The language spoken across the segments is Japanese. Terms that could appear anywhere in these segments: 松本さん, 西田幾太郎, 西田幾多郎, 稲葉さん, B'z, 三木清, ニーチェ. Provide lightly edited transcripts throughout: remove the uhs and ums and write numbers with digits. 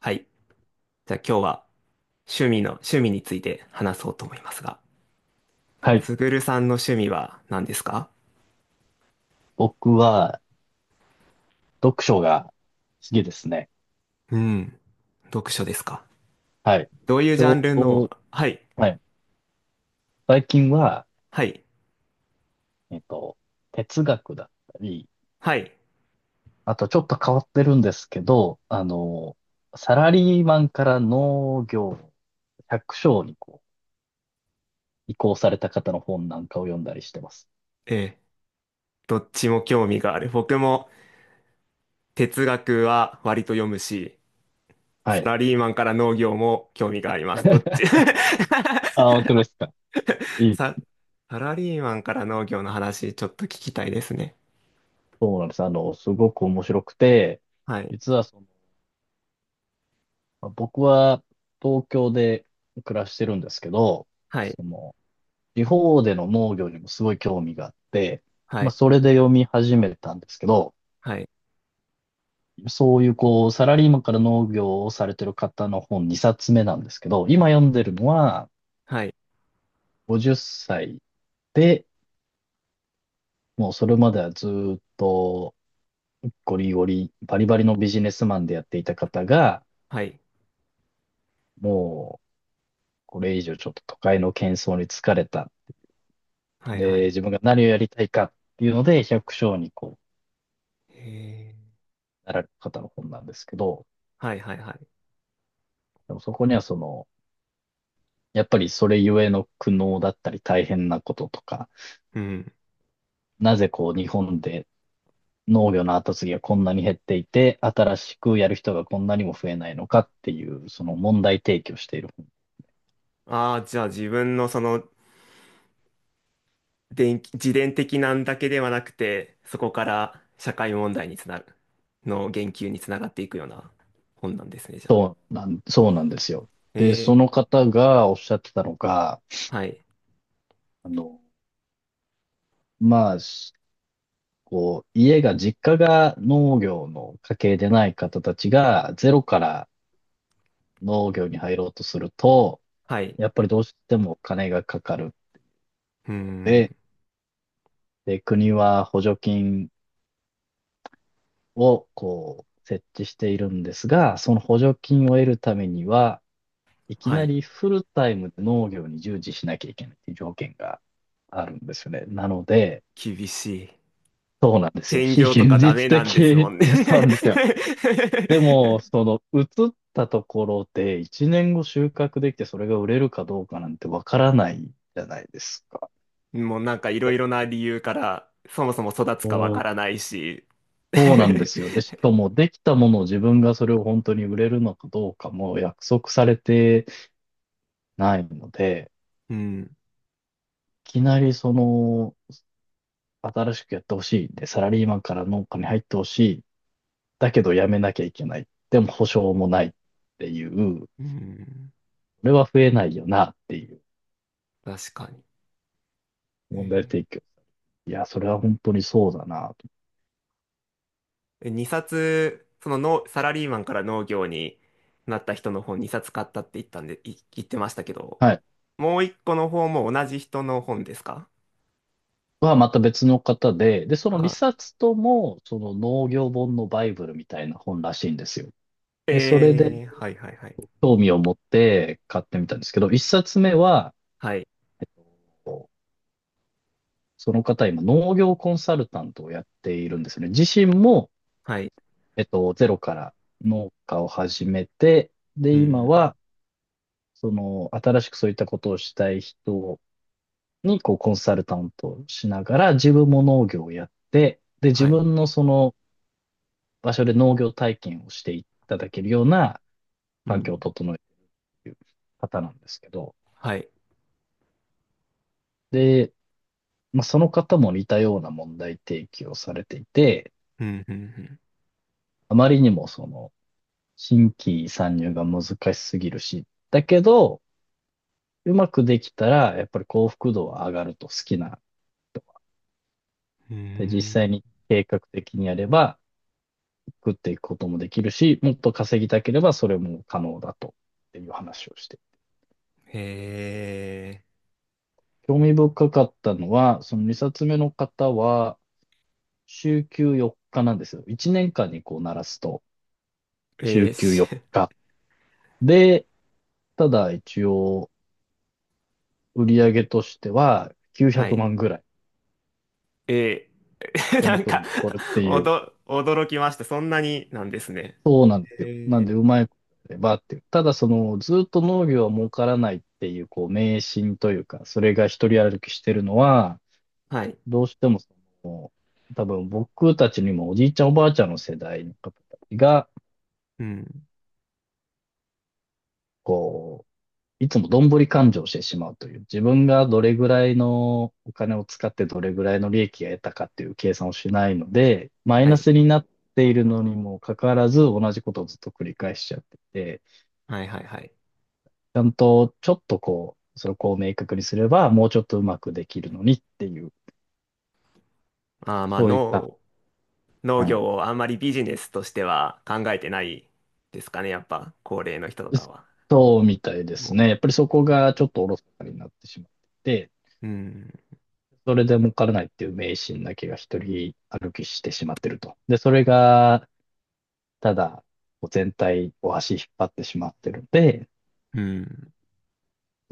はい。じゃあ今日は趣味について話そうと思いますが、はい。すぐるさんの趣味は何ですか？僕は読書が好きですね。うん。読書ですか？はい。どういうちジょャンルうの、ど、はい、はい。最近は、はい、えっと、哲学だったり、はい。あとちょっと変わってるんですけど、サラリーマンから農業、百姓にこう移行された方の本なんかを読んだりしてます。ええ、どっちも興味がある。僕も哲学は割と読むし、はサい。ラリーマンから農業も興味があります。どっち。 あ、本当ですか。いさ、い。サラリーマンから農業の話ちょっと聞きたいですね。そうなんです。あの、すごく面白くて、はい、実はその、まあ僕は東京で暮らしてるんですけど、はい、その、地方での農業にもすごい興味があって、はまあ、い、それで読み始めたんですけど、はい、そういうこう、サラリーマンから農業をされてる方の本2冊目なんですけど、今読んでるのははい、50歳で、もうそれまではずっとゴリゴリ、バリバリのビジネスマンでやっていた方が、はい、もうこれ以上ちょっと都会の喧騒に疲れた。はい、はい、はで、い、自分が何をやりたいかっていうので、百姓にこへー、う、なられる方の本なんですけど、はいはいはい。でもそこにはその、やっぱりそれゆえの苦悩だったり大変なこととか、うん。なぜこう日本で農業の後継ぎがこんなに減っていて、新しくやる人がこんなにも増えないのかっていう、その問題提起をしている。ああ、じゃあ自分のその自伝的なんだけではなくて、そこから社会問題につなる、の言及につながっていくような本なんですね、じゃあ。そうなん、そうなんですよ。えで、そのえ、方がおっしゃってたのが、はい。あの、まあ、しこう、家が、実家が農業の家系でない方たちが、ゼロから農業に入ろうとすると、はい。やっぱりどうしても金がかかるうので、ん。で、国は補助金をこう設置しているんですが、その補助金を得るためには、いきはない。りフルタイムで農業に従事しなきゃいけないっていう条件があるんですよね。なので、厳しい。そうなんですよ。兼非業と現かダ実メなん的 です もいんね。 や、そうなんですよ。でも、その、移ったところで1年後収穫できてそれが売れるかどうかなんてわからないじゃないですか。もうなんかいろいろな理由から、そもそも育つかわからないし。 そうなんですよ。で、しか もできたものを自分がそれを本当に売れるのかどうかも約束されてないので、うん。いきなりその、新しくやってほしい。で、サラリーマンから農家に入ってほしい。だけど辞めなきゃいけない。でも保証もないっていう、こうん。れは増えないよなっていう確かに。問題え提供。いや、それは本当にそうだなと。2冊、その農サラリーマンから農業になった人の本2冊買ったって言ったんで、言ってましたけど、はい。もう1個の方も同じ人の本ですか？はまた別の方で、で、そのあ、2冊とも、その農業本のバイブルみたいな本らしいんですよ。で、それで、ええ、はいはいはい。興味を持って買ってみたんですけど、一冊目は、はい、その方今農業コンサルタントをやっているんですね。自身も、はい、ゼロから農家を始めて、で、う今ん、は、その、新しくそういったことをしたい人に、こう、コンサルタントをしながら、自分も農業をやって、で、自はい、分のその場所で農業体験をしていただけるようなう環境をん、整えている方なんですけど、はい、で、まあ、その方も似たような問題提起をされていて、うん、うん、あまりにもその、新規参入が難しすぎるし、だけど、うまくできたら、やっぱり幸福度は上がると好きな人。うん、うで、実際ん、に計画的にやれば、食っていくこともできるし、もっと稼ぎたければそれも可能だと、っていう話をして。へえ興味深かったのは、その2冊目の方は、週休4日なんですよ。1年間にこう鳴らすと、ー、え週ー、休し、4 日。で、ただ一応、売り上げとしては900はい、万ぐらいえー、手なん元かに残るっていう。驚きました。そんなになんですね。そうなんですえよ。なんでー、うまいことやればっていう。ただその、ずっと農業は儲からないっていう、こう、迷信というか、それが一人歩きしてるのは、はい、どうしてもその、多分僕たちにもおじいちゃんおばあちゃんの世代の方たちが、うん、こいつもどんぶり勘定をしてしまうという、自分がどれぐらいのお金を使ってどれぐらいの利益が得たかっていう計算をしないので、マイはナい、スになっているのにもかかわらず同じことをずっと繰り返しちゃってて、はい、はい、はい。ちゃんとちょっとこう、それをこう明確にすればもうちょっとうまくできるのにっていう、まあーまあそういった、農は業い。をあんまりビジネスとしては考えてないですかね、やっぱ高齢の人とかは。そうみたいですもね。やっぱりそこう、がちょっとおろそかになってしまってて、うん、それで儲からないっていう迷信だけが一人歩きしてしまってると。で、それがただ、こう全体を足引っ張ってしまってるので、うん、うん、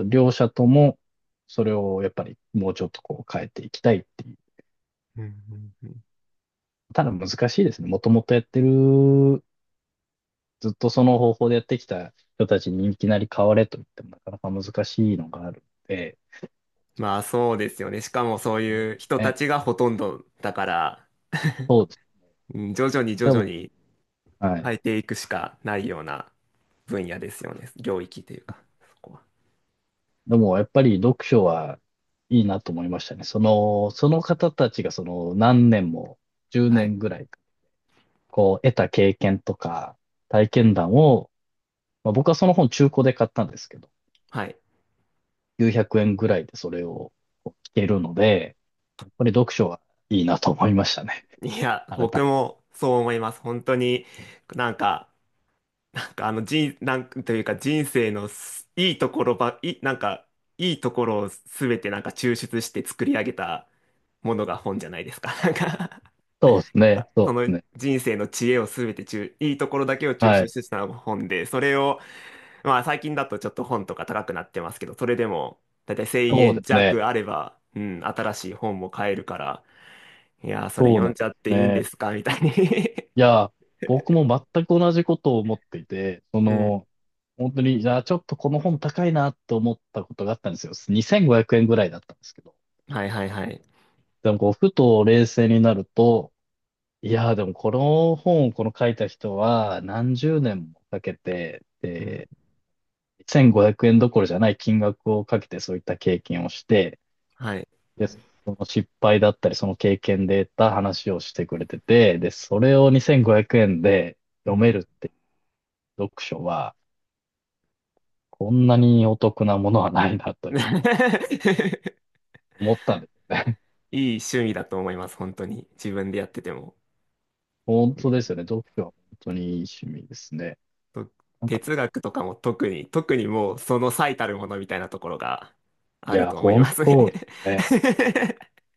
両者ともそれをやっぱりもうちょっとこう変えていきたいっていう。うん。ただ難しいですね。もともとやってる、ずっとその方法でやってきた人たちにいきなり変われと言ってもなかなか難しいのがあるので、まあそうですよね。しかもそういう人たね、ちがほとんどだから、そうです。うん、徐々に徐で々も、にはい。変えていくしかないような分野ですよね。領域というか、そこは。でもやっぱり読書はいいなと思いましたね。その、その方たちがその何年も、10はい。年ぐらい、こう得た経験とか体うん。験談をまあ、僕はその本中古で買ったんですけど、はい。900円ぐらいでそれをこう聞けるので、やっぱり読書はいいなと思いましたね。いや、改めて。僕もそう思います。本当になんか、なんかあの人、なんというか人生のすいいところば、い、なんかいいところをすべてなんか抽出して作り上げたものが本じゃないですか。なんか。 そうです ね。あ、そうそですのね。人生の知恵をすべていいところだけを抽は出い。したのが本で、それを、まあ最近だとちょっと本とか高くなってますけど、それでもだいたい1そう円ですね。弱あれば、うん、新しい本も買えるから、いやー、それそう読なんんでじゃっすていいんでね。すかみたいに。 いや、僕も全く同じことを思っていて、そ うん。の、本当に、じゃあちょっとこの本高いなと思ったことがあったんですよ。2500円ぐらいだったんですけど。はいはいはい。でもこう、ふと冷静になると、いやーでもこの本をこの書いた人は何十年もかけて、うん。で、1500円どころじゃない金額をかけてそういった経験をして、はい。で、その失敗だったりその経験で得た話をしてくれてて、で、それを2500円でう読めん。 るっていう読書はこんなにお得なものはないなと いうい思ったんですよね。い趣味だと思います、本当に。自分でやってても。本う当んですよね。読書は本当にいい趣味ですね。となんか、哲学とかも特に、特にもうその最たるものみたいなところがいあるや、と思い本ま当すね。そうですね。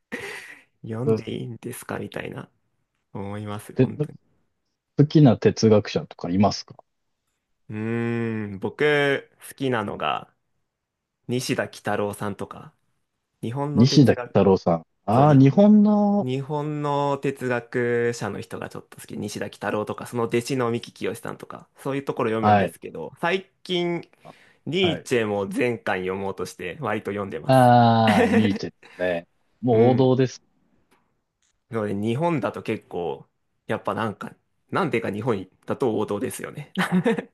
読んでいいんですかみたいな思います、で、本当に。好きな哲学者とかいますか？うーん、僕好きなのが西田幾多郎さんとか、日本の西田哲幾学、太郎さん。そう、ああ、日本の、日本の哲学者の人がちょっと好き、西田幾多郎とか、その弟子の三木清さんとか、そういうところ読むんはでい、すけど、最近、ニはーい。チェも全巻読もうとして、割と読んでます。ああ、ニーチ ェですね。もうう王ん。道です。なので、日本だと結構、やっぱなんか、なんでか日本だと王道ですよね。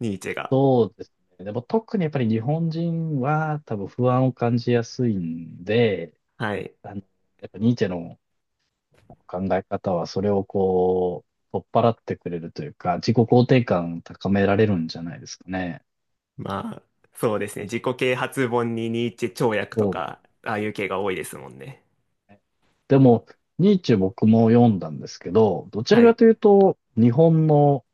ニーチェが。そうですね。でも特にやっぱり日本人は多分不安を感じやすいんで、はい。あの、やっぱニーチェの考え方はそれをこう、取っ払ってくれるというか、自己肯定感高められるんじゃないですかね。まあ、そうですね。自己啓発本にニーチェ跳躍とそうか、ああいう系が多いですもんね。でも、ニーチェ僕も読んだんですけど、どちはらかい。というと、日本の、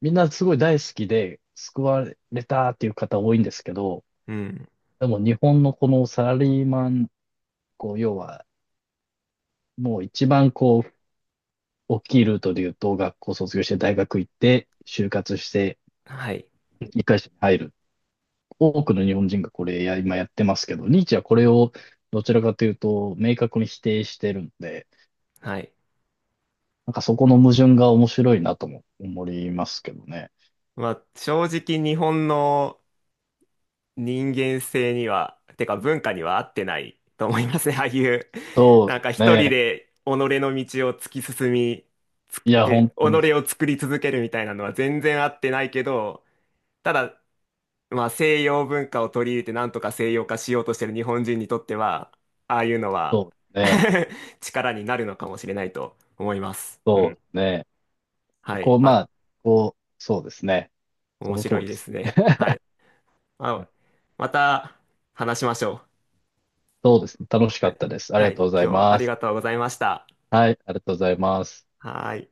みんなすごい大好きで救われたっていう方多いんですけど、うん。でも日本のこのサラリーマン、こう、要は、もう一番こう、大きいルートで言うと、学校卒業して大学行って、就活して、はい。一回社に入る。多くの日本人がこれや、今やってますけど、ニーチェはこれをどちらかというと、明確に否定してるんで、はい。なんかそこの矛盾が面白いなとも思いますけどね。まあ、正直日本の人間性には、てか文化には合ってないと思いますね。ああいう、そうでなすんか一人ね。で己の道を突き進み、ついくや、で、本当に己を作り続けるみたいなのは全然合ってないけど、ただ、まあ西洋文化を取り入れてなんとか西洋化しようとしてる日本人にとっては、ああいうのは そうで すね。力になるのかもしれないと思います。うそうん。ですね。はい。こう、ままあ、あ、こう、そうですね。そ面の通白りいでですすね。ね。はい。はあ、い、また話しましょそうですね。楽しう。かはっい。たです。ありはがとい。うござい今日はあまりす。がとうございました。はい、ありがとうございます。はーい。